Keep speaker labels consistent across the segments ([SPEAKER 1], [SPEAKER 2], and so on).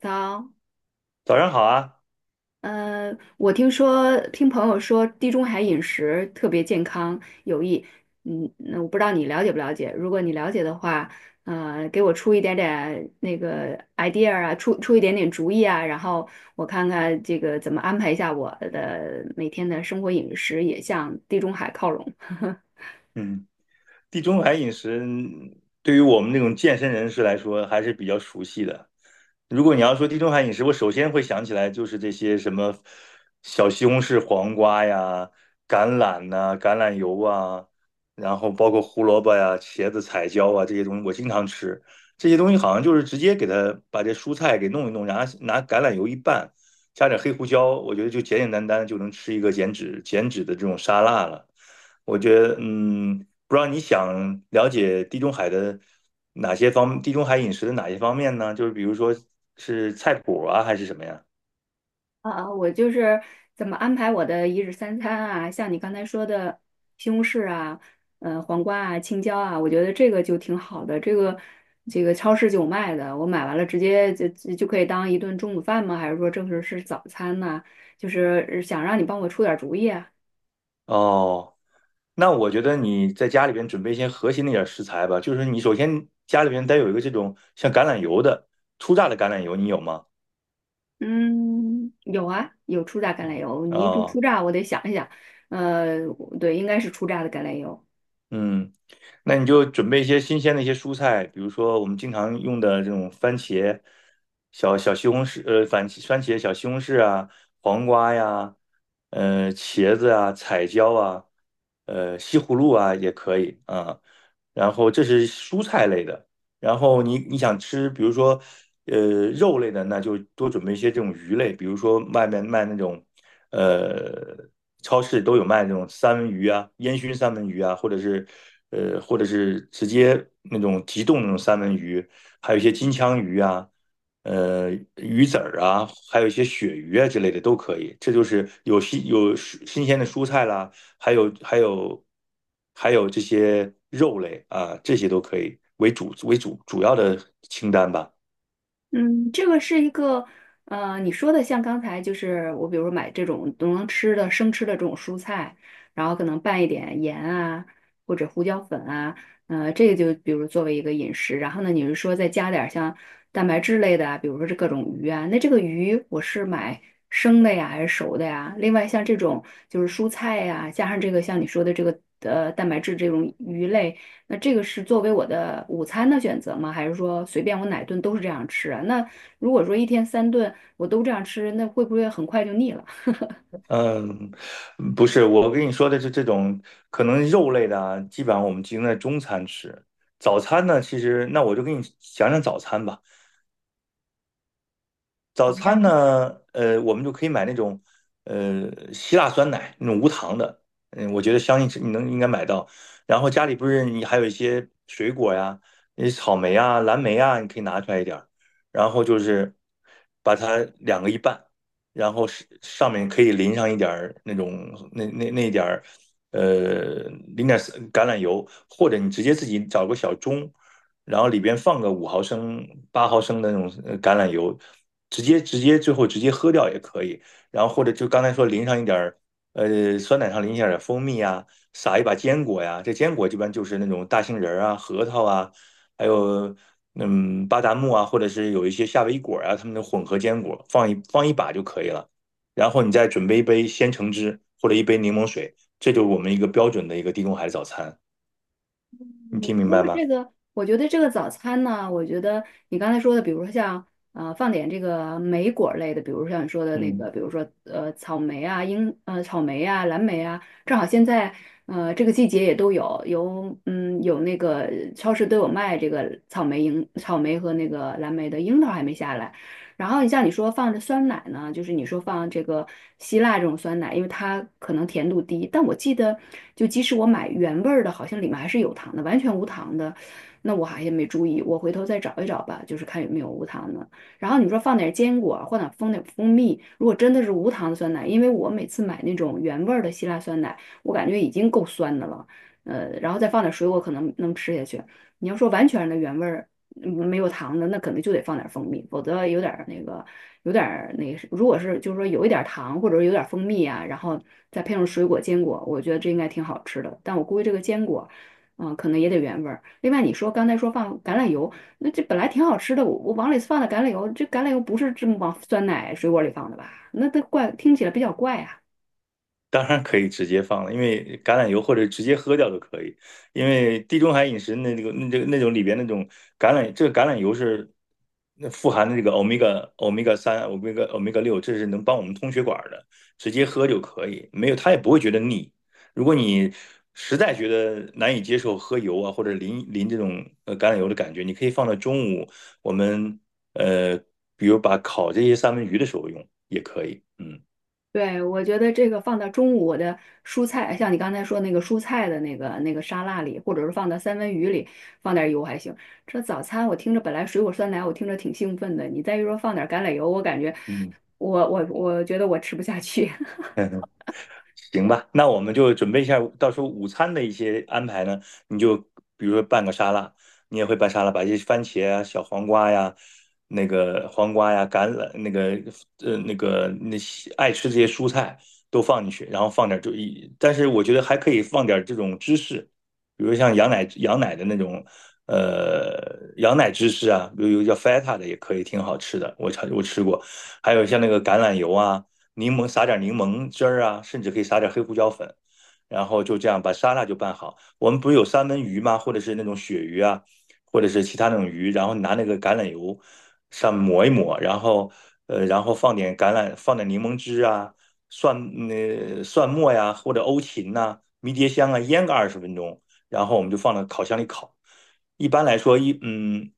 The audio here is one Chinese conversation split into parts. [SPEAKER 1] 早。
[SPEAKER 2] 早上好啊。
[SPEAKER 1] 我听说听朋友说地中海饮食特别健康有益。嗯，那我不知道你了解不了解？如果你了解的话，给我出一点点那个 idea 啊，出一点点主意啊，然后我看看这个怎么安排一下我的每天的生活饮食，也向地中海靠拢。
[SPEAKER 2] 嗯，地中海饮食对于我们这种健身人士来说还是比较熟悉的。如果你要说地中海饮食，我首先会想起来就是这些什么小西红柿、黄瓜呀、橄榄呐、橄榄油啊，然后包括胡萝卜呀、茄子、彩椒啊这些东西，我经常吃。这些东西好像就是直接给它把这蔬菜给弄一弄，然后拿橄榄油一拌，加点黑胡椒，我觉得就简简单单就能吃一个减脂的这种沙拉了。我觉得，不知道你想了解地中海的哪些方，地中海饮食的哪些方面呢？就是比如说是菜谱啊，还是什么呀？
[SPEAKER 1] 啊，我就是怎么安排我的一日三餐啊，像你刚才说的西红柿啊，黄瓜啊，青椒啊，我觉得这个就挺好的。这个超市就有卖的，我买完了直接就可以当一顿中午饭吗？还是说正式是早餐呢？就是想让你帮我出点主意啊。
[SPEAKER 2] 哦，那我觉得你在家里边准备一些核心的一点食材吧，就是你首先家里边得有一个这种像橄榄油的初榨的橄榄油，你有吗？
[SPEAKER 1] 嗯，有啊，有初榨橄榄油，你一说
[SPEAKER 2] 啊、
[SPEAKER 1] 初榨，我得想一想。呃，对，应该是初榨的橄榄油。
[SPEAKER 2] 嗯，那你就准备一些新鲜的一些蔬菜，比如说我们经常用的这种番茄、小西红柿，番番茄、小西红柿啊，黄瓜呀，茄子啊，彩椒啊，西葫芦啊也可以啊。然后这是蔬菜类的，然后你想吃，比如说，肉类的，那就多准备一些这种鱼类，比如说外面卖那种，呃，超市都有卖那种三文鱼啊，烟熏三文鱼啊，或者是，或者是直接那种急冻那种三文鱼，还有一些金枪鱼啊，呃，鱼籽儿啊，还有一些鳕鱼啊之类的都可以。这就是有新鲜的蔬菜啦，还有还有还有这些肉类啊，这些都可以为主为主主要的清单吧。
[SPEAKER 1] 嗯，这个是一个，你说的像刚才就是我，比如说买这种能吃的生吃的这种蔬菜，然后可能拌一点盐啊，或者胡椒粉啊，这个就比如作为一个饮食。然后呢，你是说再加点儿像蛋白质类的啊，比如说这各种鱼啊，那这个鱼我是买生的呀，还是熟的呀？另外像这种就是蔬菜呀，加上这个像你说的这个蛋白质这种鱼类。那这个是作为我的午餐的选择吗？还是说随便我哪顿都是这样吃啊？那如果说一天三顿我都这样吃，那会不会很快就腻了？
[SPEAKER 2] 嗯，不是，我跟你说的是这种可能肉类的啊，基本上我们集中在中餐吃。早餐呢，其实那我就给你讲讲早餐吧。早餐呢，我们就可以买那种希腊酸奶那种无糖的，嗯，我觉得相信是你能应该买到。然后家里不是你还有一些水果呀，那草莓啊、蓝莓啊，你可以拿出来一点儿，然后就是把它两个一半，然后是上面可以淋上一点儿那种那那那一点儿呃淋点儿橄榄油，或者你直接自己找个小盅。然后里边放个五毫升、八毫升的那种橄榄油，直接直接最后直接喝掉也可以。然后或者就刚才说淋上一点儿，酸奶上淋一点儿蜂蜜啊，撒一把坚果呀。这坚果一般就是那种大杏仁儿啊、核桃啊，还有巴旦木啊，或者是有一些夏威夷果啊，它们的混合坚果，放一把就可以了。然后你再准备一杯鲜橙汁或者一杯柠檬水，这就是我们一个标准的一个地中海早餐。你听
[SPEAKER 1] 你
[SPEAKER 2] 明
[SPEAKER 1] 说
[SPEAKER 2] 白
[SPEAKER 1] 的
[SPEAKER 2] 吗？
[SPEAKER 1] 这个，我觉得这个早餐呢，我觉得你刚才说的，比如说像放点这个莓果类的，比如像你说的那个，
[SPEAKER 2] 嗯。
[SPEAKER 1] 比如说草莓啊、草莓啊、蓝莓啊，正好现在这个季节也都有，有有那个超市都有卖这个草莓和那个蓝莓的，樱桃还没下来。然后你像你说放着酸奶呢，就是你说放这个希腊这种酸奶，因为它可能甜度低，但我记得就即使我买原味儿的，好像里面还是有糖的，完全无糖的，那我好像没注意，我回头再找一找吧，就是看有没有无糖的。然后你说放点坚果，或者放点蜂蜜，如果真的是无糖的酸奶，因为我每次买那种原味儿的希腊酸奶，我感觉已经够酸的了，然后再放点水果可能能吃下去。你要说完全的原味儿。嗯，没有糖的，那可能就得放点蜂蜜，否则有点儿那个，有点儿那个，如果是就是说有一点儿糖或者有点儿蜂蜜啊，然后再配上水果坚果，我觉得这应该挺好吃的。但我估计这个坚果，嗯、可能也得原味儿。另外你说刚才说放橄榄油，那这本来挺好吃的，我往里放的橄榄油，这橄榄油不是这么往酸奶水果里放的吧？那这怪听起来比较怪啊。
[SPEAKER 2] 当然可以直接放了，因为橄榄油或者直接喝掉都可以。因为地中海饮食那那个那这个那种里边那种橄榄，这个橄榄油是那富含的这个欧米伽三、欧米伽六，这是能帮我们通血管的，直接喝就可以，没有它也不会觉得腻。如果你实在觉得难以接受喝油啊或者淋这种橄榄油的感觉，你可以放到中午我们呃比如把烤这些三文鱼的时候用也可以，嗯
[SPEAKER 1] 对，我觉得这个放到中午的蔬菜，像你刚才说那个蔬菜的那个沙拉里，或者是放到三文鱼里，放点油还行。这早餐我听着本来水果酸奶，我听着挺兴奋的，你再一说放点橄榄油，我感觉
[SPEAKER 2] 嗯。
[SPEAKER 1] 我觉得我吃不下去。
[SPEAKER 2] 行吧，那我们就准备一下，到时候午餐的一些安排呢，你就比如说拌个沙拉，你也会拌沙拉，把一些番茄啊、小黄瓜呀、那个黄瓜呀、橄榄那个那些爱吃这些蔬菜都放进去，然后放点就一，但是我觉得还可以放点这种芝士，比如像羊奶的那种羊奶芝士啊，比如有叫 feta 的也可以，挺好吃的，我吃过，还有像那个橄榄油啊。柠檬撒点柠檬汁儿啊，甚至可以撒点黑胡椒粉，然后就这样把沙拉就拌好。我们不是有三文鱼吗？或者是那种鳕鱼啊，或者是其他那种鱼，然后拿那个橄榄油上抹一抹，然后然后放点橄榄，放点柠檬汁啊，蒜末呀，或者欧芹呐、迷迭香啊，腌个二十分钟，然后我们就放到烤箱里烤。一般来说，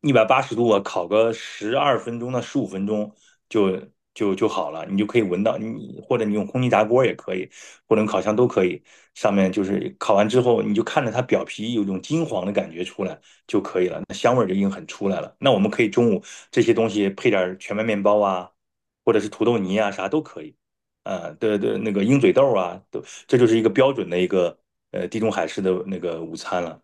[SPEAKER 2] 一百八十度啊，烤个十二分钟到十五分钟就就好了，你就可以闻到你，或者你用空气炸锅也可以，或者用烤箱都可以。上面就是烤完之后，你就看着它表皮有一种金黄的感觉出来就可以了，那香味儿就已经很出来了。那我们可以中午这些东西配点儿全麦面包啊，或者是土豆泥啊，啥都可以。对对，那个鹰嘴豆啊，都这就是一个标准的一个地中海式的那个午餐了。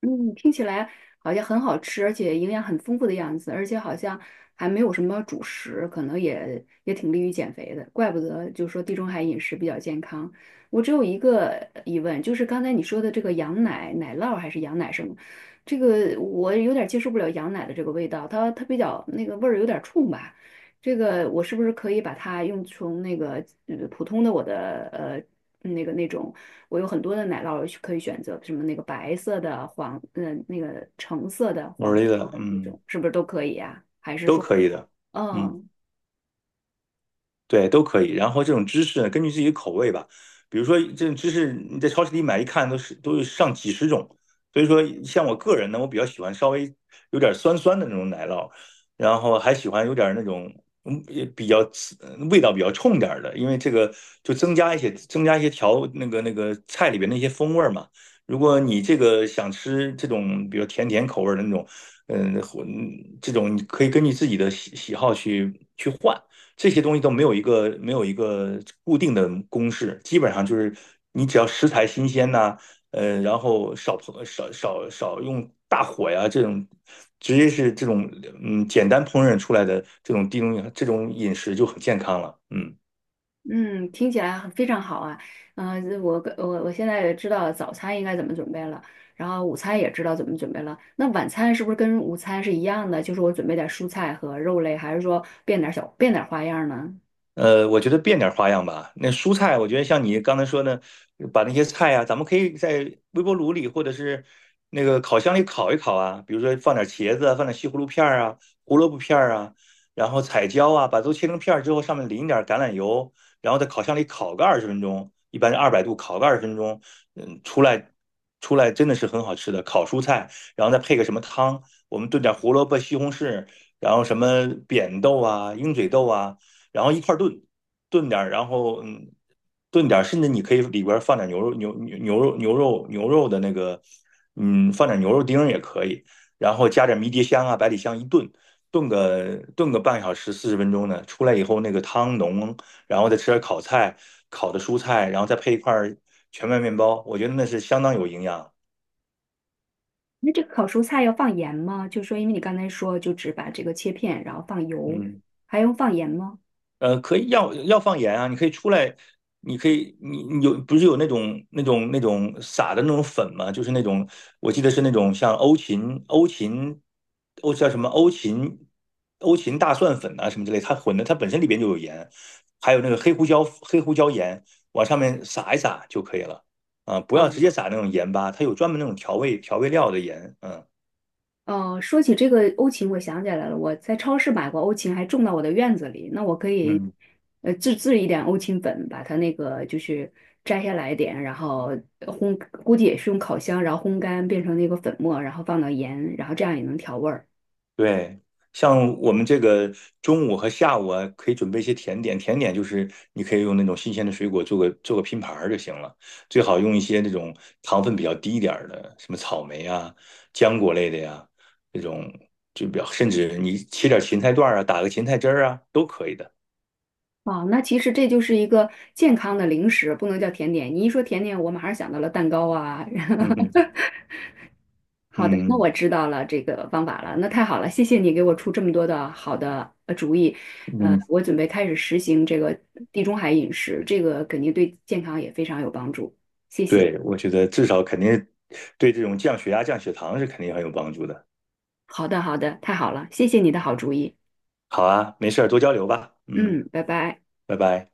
[SPEAKER 1] 嗯，听起来好像很好吃，而且营养很丰富的样子，而且好像还没有什么主食，可能也挺利于减肥的，怪不得就说地中海饮食比较健康。我只有一个疑问，就是刚才你说的这个羊奶、奶酪还是羊奶什么，这个我有点接受不了羊奶的这个味道，它比较那个味儿有点冲吧。这个我是不是可以把它用从那个普通的我的那个那种。我有很多的奶酪可以选择，什么那个白色的、黄，那个橙色的、
[SPEAKER 2] 努
[SPEAKER 1] 黄
[SPEAKER 2] 力
[SPEAKER 1] 色
[SPEAKER 2] 的，
[SPEAKER 1] 的那
[SPEAKER 2] 嗯，
[SPEAKER 1] 种，是不是都可以呀、
[SPEAKER 2] 都可以的，嗯。
[SPEAKER 1] 嗯
[SPEAKER 2] 对，都可以。然后这种芝士呢，根据自己的口味吧。比如说，这种芝士你在超市里买，一看都是上几十种。所以说，像我个人呢，我比较喜欢稍微有点酸酸的那种奶酪，然后还喜欢有点那种也比较刺味道比较冲点儿的，因为这个就增加一些调那个菜里边那些风味儿嘛。如果你这个想吃这种比如甜甜口味儿的那种，嗯，这种你可以根据自己的喜好去换。这些东西都没有一个固定的公式，基本上就是你只要食材新鲜呐、然后少烹少少少用大火呀，直接是这种简单烹饪出来的这种这种饮食就很健康了，嗯。
[SPEAKER 1] 嗯，听起来非常好啊。我现在知道早餐应该怎么准备了，然后午餐也知道怎么准备了。那晚餐是不是跟午餐是一样的？就是我准备点蔬菜和肉类，还是说变点花样呢？
[SPEAKER 2] 我觉得变点花样吧。那蔬菜，我觉得像你刚才说的，把那些菜啊，咱们可以在微波炉里或者是那个烤箱里烤一烤啊。比如说放点茄子啊放点西葫芦片儿啊、胡萝卜片儿啊，然后彩椒啊，把都切成片儿之后，上面淋点橄榄油，然后在烤箱里烤个二十分钟，一般是二百度烤个二十分钟，嗯，出来真的是很好吃的烤蔬菜，然后再配个什么汤，我们炖点胡萝卜、西红柿，然后什么扁豆啊、鹰嘴豆啊。然后一块炖，炖点儿，炖点儿，甚至你可以里边儿放点牛肉、牛肉的那个，嗯，放点牛肉丁儿也可以，然后加点迷迭香啊、百里香一炖，炖个半小时、四十分钟呢，出来以后那个汤浓，然后再吃点烤菜、烤的蔬菜，然后再配一块全麦面包，我觉得那是相当有营养。
[SPEAKER 1] 那这个烤蔬菜要放盐吗？就是说因为你刚才说就只把这个切片，然后放油，
[SPEAKER 2] 嗯。
[SPEAKER 1] 还用放盐吗？
[SPEAKER 2] 可以要放盐啊，你可以你你有不是有那种撒的那种粉吗？就是那种我记得是那种像欧叫什么欧芹欧芹大蒜粉啊什么之类，它混的它本身里边就有盐，还有那个黑胡椒盐往上面撒一撒就可以了啊，不要
[SPEAKER 1] 哦
[SPEAKER 2] 直接撒那种盐巴，它有专门那种调味料的盐，嗯
[SPEAKER 1] 哦，说起这个欧芹，我想起来了，我在超市买过欧芹，还种到我的院子里。那我可以，
[SPEAKER 2] 嗯。
[SPEAKER 1] 自制一点欧芹粉，把它那个就是摘下来一点，然后烘，估计也是用烤箱，然后烘干变成那个粉末，然后放到盐，然后这样也能调味儿。
[SPEAKER 2] 对，像我们这个中午和下午啊，可以准备一些甜点。甜点就是你可以用那种新鲜的水果做个拼盘儿就行了，最好用一些那种糖分比较低一点儿的，什么草莓啊、浆果类的呀，这种就比较，甚至你切点芹菜段儿啊，打个芹菜汁儿啊，都可以的。
[SPEAKER 1] 哦，那其实这就是一个健康的零食，不能叫甜点。你一说甜点，我马上想到了蛋糕啊。
[SPEAKER 2] 嗯
[SPEAKER 1] 好的，那
[SPEAKER 2] 嗯
[SPEAKER 1] 我知道了这个方法了，那太好了，谢谢你给我出这么多的好的主意。
[SPEAKER 2] 嗯嗯，
[SPEAKER 1] 我准备开始实行这个地中海饮食，这个肯定对健康也非常有帮助，谢谢。
[SPEAKER 2] 对，我觉得至少肯定对这种降血压、降血糖是肯定很有帮助的。
[SPEAKER 1] 好的，好的，太好了，谢谢你的好主意。
[SPEAKER 2] 好啊，没事儿，多交流吧。嗯，
[SPEAKER 1] 嗯，拜拜。
[SPEAKER 2] 拜拜。